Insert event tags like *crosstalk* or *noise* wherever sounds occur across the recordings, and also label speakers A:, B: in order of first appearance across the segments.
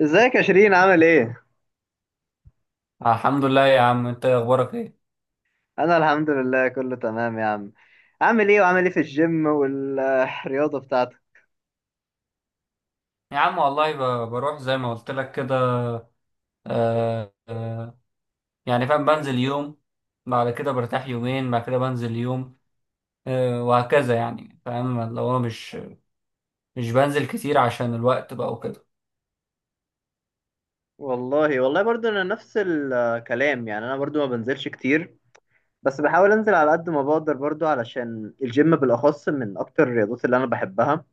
A: ازيك يا شيرين؟ عامل ايه؟
B: آه، الحمد لله يا عم، انت اخبارك ايه؟
A: انا الحمد لله كله تمام يا عم. عامل ايه وعامل ايه في الجيم والرياضة بتاعتك؟
B: يا عم والله بروح زي ما قلت لك كده. آه آه. يعني فاهم، بنزل يوم، بعد كده برتاح يومين، بعد كده بنزل يوم، وهكذا. يعني فاهم اللي هو، مش بنزل كتير عشان الوقت بقى وكده.
A: والله برضو انا نفس الكلام، يعني انا برضو ما بنزلش كتير، بس بحاول انزل على قد ما بقدر برضو، علشان الجيم بالاخص من اكتر الرياضات اللي انا بحبها.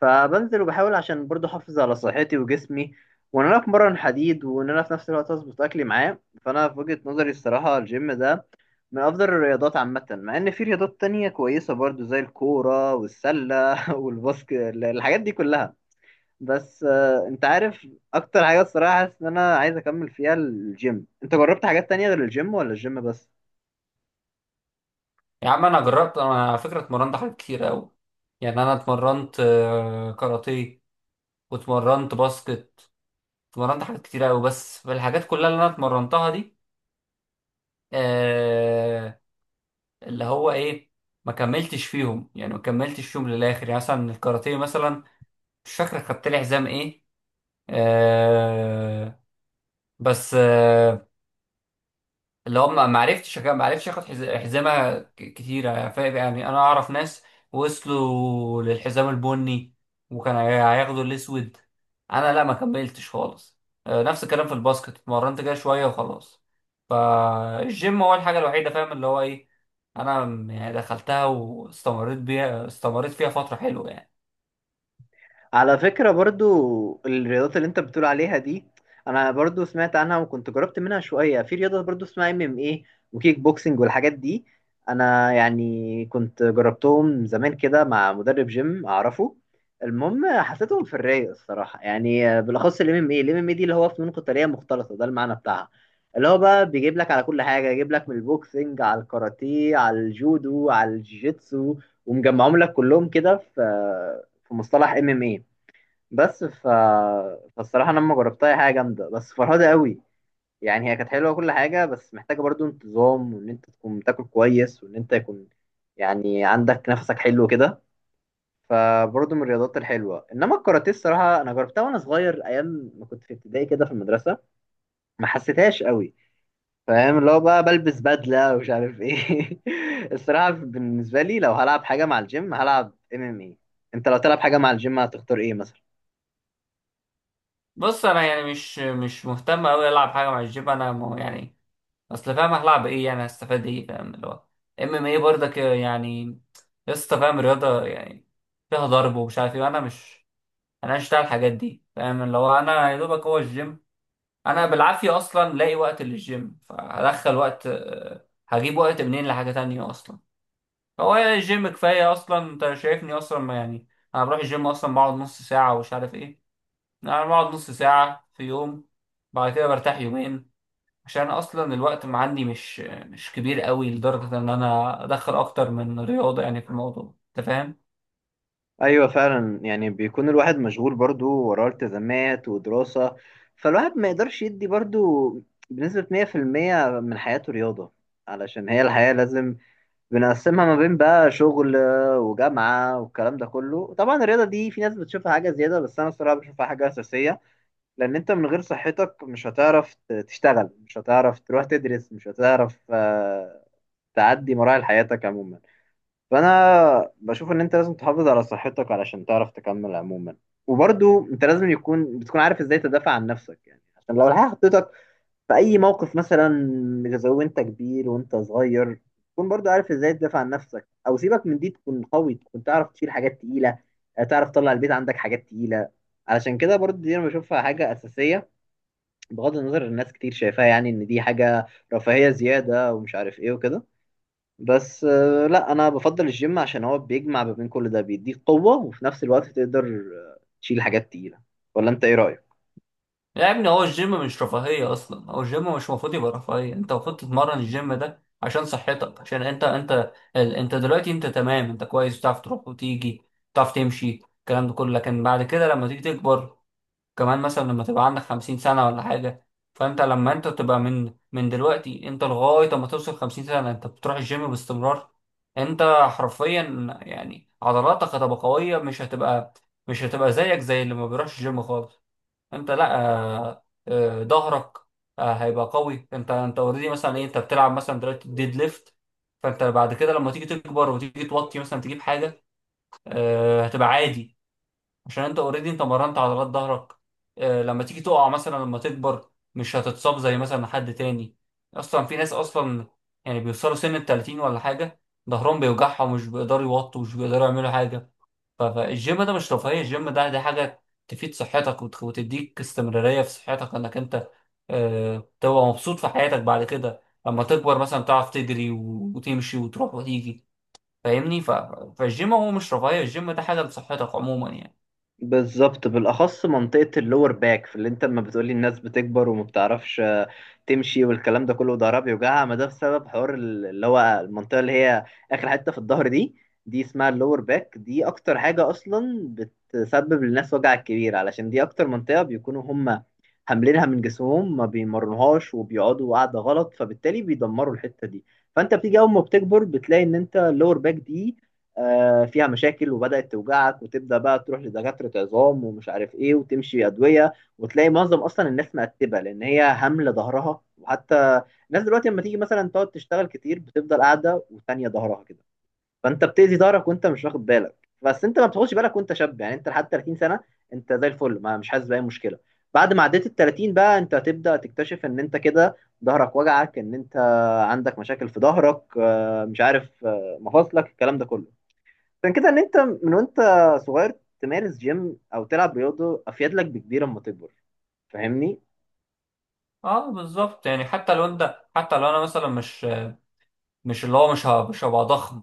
A: فبنزل وبحاول عشان برضو احافظ على صحتي وجسمي، وان انا اتمرن حديد، وان انا في نفس الوقت اظبط اكلي معاه. فانا في وجهة نظري الصراحة الجيم ده من أفضل الرياضات عامة، مع إن في رياضات تانية كويسة برضو زي الكورة والسلة *laughs* والباسكت، الحاجات دي كلها. بس أنت عارف أكتر حاجة الصراحة حاسس إن أنا عايز أكمل فيها الجيم. أنت جربت حاجات تانية غير الجيم ولا الجيم بس؟
B: يا عم انا جربت، انا على فكرة اتمرنت حاجات كتير قوي. يعني انا اتمرنت كاراتيه، واتمرنت باسكت، اتمرنت حاجات كتير قوي. بس في الحاجات كلها اللي انا اتمرنتها دي، آه، اللي هو ايه، ما كملتش فيهم، يعني ما كملتش فيهم للاخر. يعني مثلا الكاراتيه مثلا، مش فاكر خدت لي حزام ايه. آه بس، اللي هو ما عرفتش، اخد حزامه كتيره، فاهم؟ يعني انا اعرف ناس وصلوا للحزام البني، وكان هياخدوا الاسود. انا لا، ما كملتش خالص. آه، نفس الكلام في الباسكت، اتمرنت كده شويه وخلاص. فالجيم هو الحاجه الوحيده، فاهم اللي هو ايه، انا يعني دخلتها واستمريت بيها، استمريت فيها فتره حلوه يعني.
A: على فكرة برضو الرياضات اللي انت بتقول عليها دي انا برضو سمعت عنها، وكنت جربت منها شوية. في رياضة برضو اسمها ام ام ايه وكيك بوكسنج والحاجات دي، انا يعني كنت جربتهم زمان كده مع مدرب جيم اعرفه. المهم حسيتهم في الرايق الصراحة، يعني بالاخص الام ام ايه. الام ام ايه دي اللي هو فنون قتالية مختلطة، ده المعنى بتاعها. اللي هو بقى بيجيب لك على كل حاجة، يجيب لك من البوكسنج على الكاراتيه على الجودو على الجيتسو، ومجمعهم لك كلهم كده في في مصطلح ام ام ايه. بس ف... فالصراحة أنا لما جربتها هي حاجة جامدة بس فرهدة قوي. يعني هي كانت حلوة وكل حاجة، بس محتاجة برضو انتظام، وإن أنت تكون تاكل كويس، وإن أنت يكون يعني عندك نفسك حلو كده. فبرضو من الرياضات الحلوة. إنما الكاراتيه الصراحة أنا جربتها وأنا صغير أيام ما كنت في ابتدائي كده في المدرسة، ما حسيتهاش قوي. فاهم اللي هو بقى بلبس بدلة ومش عارف إيه. *laughs* الصراحة بالنسبة لي لو هلعب حاجة مع الجيم هلعب ام ام اي. أنت لو تلعب حاجة مع الجيم هتختار إيه مثلا؟
B: بص، انا يعني مش مهتم قوي العب حاجه مع الجيم، انا يعني اصل، فاهم هلعب ايه؟ يعني هستفاد ايه؟ فاهم اللي هو، ام ام ايه برضك يعني، لسه فاهم رياضه يعني فيها ضرب ومش عارف ايه. وانا مش انا مش بتاع الحاجات دي، فاهم اللي هو، انا يا دوبك هو الجيم. انا بالعافيه اصلا لاقي وقت للجيم، فهدخل وقت، هجيب وقت منين لحاجه تانية اصلا؟ هو الجيم كفايه اصلا، انت شايفني اصلا ما يعني. انا بروح الجيم اصلا بقعد نص ساعه ومش عارف ايه، انا بقعد نص ساعه في يوم، بعد كده برتاح يومين، عشان أنا اصلا الوقت ما عندي مش كبير قوي لدرجه ان انا ادخل اكتر من رياضه، يعني في الموضوع انت فاهم.
A: ايوه فعلا، يعني بيكون الواحد مشغول برضو، وراه التزامات ودراسة، فالواحد ما يقدرش يدي برضو بنسبة 100% من حياته رياضة. علشان هي الحياة لازم بنقسمها ما بين بقى شغل وجامعة والكلام ده كله. طبعا الرياضة دي في ناس بتشوفها حاجة زيادة، بس أنا الصراحة بشوفها حاجة أساسية، لأن أنت من غير صحتك مش هتعرف تشتغل، مش هتعرف تروح تدرس، مش هتعرف تعدي مراحل حياتك عموما. فانا بشوف ان انت لازم تحافظ على صحتك علشان تعرف تكمل عموما. وبرضو انت لازم يكون بتكون عارف ازاي تدافع عن نفسك، يعني عشان لو الحياة حطيتك في اي موقف مثلا، زي وانت كبير وانت صغير، تكون برضو عارف ازاي تدافع عن نفسك. او سيبك من دي، تكون قوي، تكون تعرف تشيل حاجات تقيلة، تعرف تطلع البيت عندك حاجات تقيلة. علشان كده برضو دي انا بشوفها حاجة اساسية، بغض النظر الناس كتير شايفاها يعني ان دي حاجة رفاهية زيادة ومش عارف ايه وكده. بس لا، انا بفضل الجيم عشان هو بيجمع ما بين كل ده، بيديك قوة وفي نفس الوقت تقدر آه، تشيل حاجات تقيلة. ولا انت ايه رأيك؟
B: يا ابني، هو الجيم مش رفاهيه اصلا، هو الجيم مش المفروض يبقى رفاهيه. انت المفروض تتمرن الجيم ده عشان صحتك، عشان انت انت دلوقتي انت تمام، انت كويس، بتعرف تروح وتيجي، بتعرف تمشي، الكلام ده كله، لكن بعد كده لما تيجي تكبر كمان مثلا، لما تبقى عندك خمسين سنة ولا حاجة. فأنت لما أنت تبقى من دلوقتي، أنت لغاية ما توصل خمسين سنة أنت بتروح الجيم باستمرار، أنت حرفيا يعني عضلاتك هتبقى قوية، مش هتبقى زيك زي اللي ما بيروحش الجيم خالص. أنت لأ، ظهرك، هيبقى قوي. أنت أوريدي مثلا إيه، أنت بتلعب مثلا دلوقتي ديد ليفت. فأنت بعد كده لما تيجي تكبر وتيجي توطي مثلا تجيب حاجة، هتبقى عادي، عشان انت اوريدي انت مرنت عضلات ظهرك. لما تيجي تقع مثلا لما تكبر، مش هتتصاب زي مثلا حد تاني. اصلا في ناس اصلا يعني بيوصلوا سن ال 30 ولا حاجه، ظهرهم بيوجعهم ومش بيقدروا يوطوا ومش بيقدروا يعملوا حاجه. فالجيم ده مش رفاهيه، الجيم ده دي حاجه تفيد صحتك، وتديك استمراريه في صحتك، انك انت، تبقى مبسوط في حياتك بعد كده لما تكبر مثلا، تعرف تجري وتمشي وتروح وتيجي، فاهمني. فالجيم هو مش رفاهيه، الجيم ده حاجه لصحتك عموما يعني.
A: بالظبط، بالاخص منطقه اللور باك. في اللي انت لما بتقولي الناس بتكبر وما بتعرفش تمشي والكلام ده كله، ضهرها بيوجعها، ما ده بسبب حوار اللي هو المنطقه اللي هي اخر حته في الظهر دي، دي اسمها اللور باك. دي اكتر حاجه اصلا بتسبب للناس وجع كبير، علشان دي اكتر منطقه بيكونوا هم حاملينها من جسمهم، ما بيمرنوهاش وبيقعدوا قاعده غلط، فبالتالي بيدمروا الحته دي. فانت بتيجي اول ما بتكبر بتلاقي ان انت اللور باك دي فيها مشاكل وبدأت توجعك، وتبدأ بقى تروح لدكاترة عظام ومش عارف ايه وتمشي أدوية، وتلاقي معظم أصلا الناس مقتبة لأن هي هاملة ظهرها. وحتى الناس دلوقتي لما تيجي مثلا تقعد تشتغل كتير، بتفضل قاعدة وتانية ظهرها كده، فأنت بتأذي ظهرك وأنت مش واخد بالك. بس أنت ما بتاخدش بالك وأنت شاب، يعني أنت لحد 30 سنة أنت زي الفل، ما مش حاسس بأي مشكلة. بعد ما عديت ال 30 بقى أنت هتبدأ تكتشف إن أنت كده ظهرك وجعك، إن أنت عندك مشاكل في ظهرك، مش عارف، مفاصلك، الكلام ده كله. عشان كده ان انت من وانت صغير تمارس جيم او تلعب رياضه، افيد لك بكبير اما تكبر. فاهمني؟
B: اه، بالظبط. يعني حتى لو انت، حتى لو انا مثلا مش، اللي هو مش هبقى ضخم.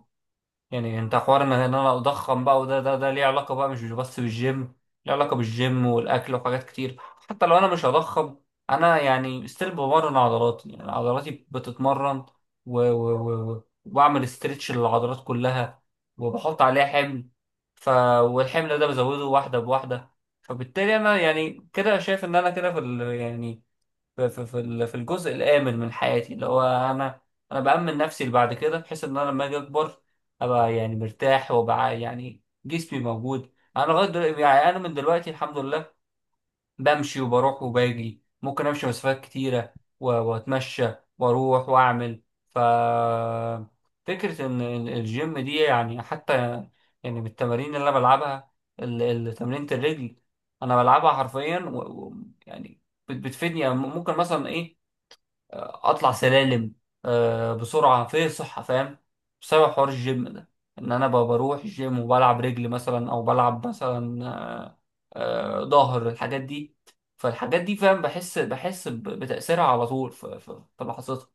B: يعني انت حوار إن انا اضخم بقى، وده ده ده ليه علاقه بقى مش بس بالجيم، ليه علاقه بالجيم والاكل وحاجات كتير. حتى لو انا مش هضخم، انا يعني ستيل بمرن عضلاتي، يعني عضلاتي بتتمرن، وبعمل استرتش للعضلات كلها، وبحط عليها حمل. ف والحمل ده بزوده واحده بواحده. فبالتالي انا يعني كده شايف ان انا كده في ال... يعني في في في ال- في الجزء الآمن من حياتي، اللي هو أنا، بأمن نفسي لبعد كده، بحيث إن أنا لما أجي أكبر، أبقى يعني مرتاح، وأبقى يعني جسمي موجود. أنا لغاية دلوقتي يعني، أنا من دلوقتي الحمد لله بمشي وبروح وباجي، ممكن أمشي مسافات كتيرة وأتمشى وأروح وأعمل. ف فكرة إن الجيم دي، يعني حتى يعني بالتمارين اللي أنا بلعبها، تمرينة الرجل أنا بلعبها حرفيا، و... يعني بتفيدني. يعني ممكن مثلا ايه، اطلع سلالم، بسرعه، في صحه، فاهم، بسبب حوار الجيم ده، ان انا بقى بروح الجيم وبلعب رجل مثلا او بلعب مثلا، ظهر، الحاجات دي. فالحاجات دي، فاهم، بحس بتاثيرها على طول في في لحظتها.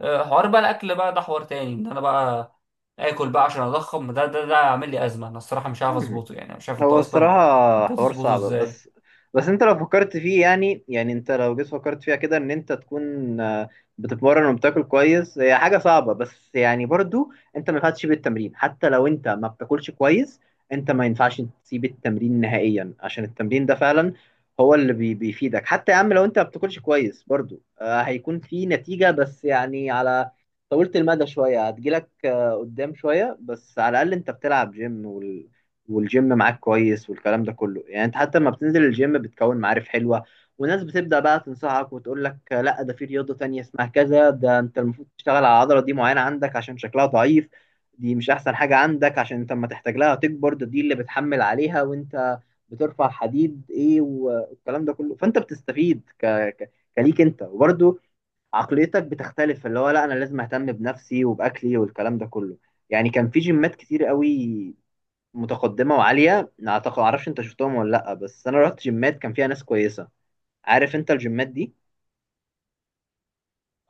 B: حوار بقى الاكل بقى، ده حوار تاني، ان انا بقى اكل بقى عشان اضخم، ده عامل لي ازمه. انا الصراحه مش عارف اظبطه، يعني مش عارف انت
A: هو
B: اصلا
A: الصراحة حوار
B: بتظبطه
A: صعب،
B: ازاي؟
A: بس بس انت لو فكرت فيه، يعني يعني انت لو جيت فكرت فيها كده ان انت تكون بتتمرن وبتاكل كويس، هي حاجة صعبة، بس يعني برضو انت ما ينفعش تسيب التمرين. حتى لو انت ما بتاكلش كويس، انت ما ينفعش تسيب التمرين نهائيا، عشان التمرين ده فعلا هو اللي بيفيدك. حتى يا عم لو انت ما بتاكلش كويس برضو هيكون في نتيجة، بس يعني على طولت المدى شوية، هتجيلك قدام شوية، بس على الأقل أنت بتلعب جيم والجيم معاك كويس والكلام ده كله. يعني انت حتى لما بتنزل الجيم بتكون معارف حلوة، وناس بتبدأ بقى تنصحك وتقول لك لا ده في رياضة تانية اسمها كذا، ده انت المفروض تشتغل على العضلة دي معينة عندك عشان شكلها ضعيف، دي مش احسن حاجة عندك عشان انت اما تحتاج لها تكبر ده، دي اللي بتحمل عليها وانت بترفع حديد ايه، والكلام ده كله. فانت بتستفيد كليك انت، وبرده عقليتك بتختلف، اللي هو لا انا لازم اهتم بنفسي وباكلي والكلام ده كله. يعني كان في جيمات كتير قوي متقدمه وعاليه، اعتقد معرفش انت شفتهم ولا لا، بس انا رحت جيمات كان فيها ناس كويسه. عارف انت الجيمات دي؟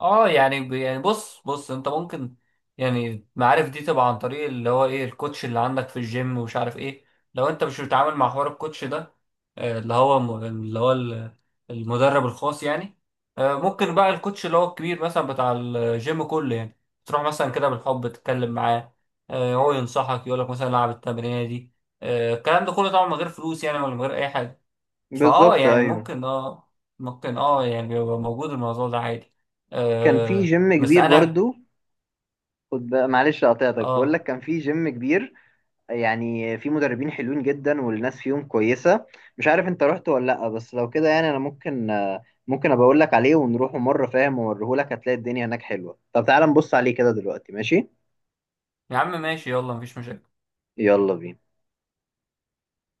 B: اه يعني يعني بص بص، انت ممكن، يعني المعارف دي تبقى عن طريق اللي هو ايه، الكوتش اللي عندك في الجيم ومش عارف ايه. لو انت مش بتتعامل مع حوار الكوتش ده، اللي هو اللي هو المدرب الخاص يعني، ممكن بقى الكوتش اللي هو الكبير مثلا بتاع الجيم كله يعني، تروح مثلا كده بالحب تتكلم معاه، هو ينصحك، يقولك مثلا العب التمرينه دي، الكلام ده كله طبعا من غير فلوس يعني، ولا من غير اي حاجه. فاه
A: بالظبط،
B: يعني
A: ايوه.
B: ممكن، ممكن، يعني يبقى موجود الموضوع ده عادي.
A: كان في جيم
B: بس
A: كبير
B: انا.
A: برضو، خد بقى معلش قطعتك، بقول
B: اه،
A: لك كان في جيم كبير، يعني في مدربين حلوين جدا والناس فيهم كويسه. مش عارف انت رحت ولا لا، بس لو كده يعني انا ممكن ممكن ابقى اقول لك عليه ونروح مره، فاهم، واوريهولك. هتلاقي الدنيا هناك حلوه. طب تعالى نبص عليه كده دلوقتي، ماشي؟
B: يا عم ماشي، يلا، مفيش مشاكل.
A: يلا بينا.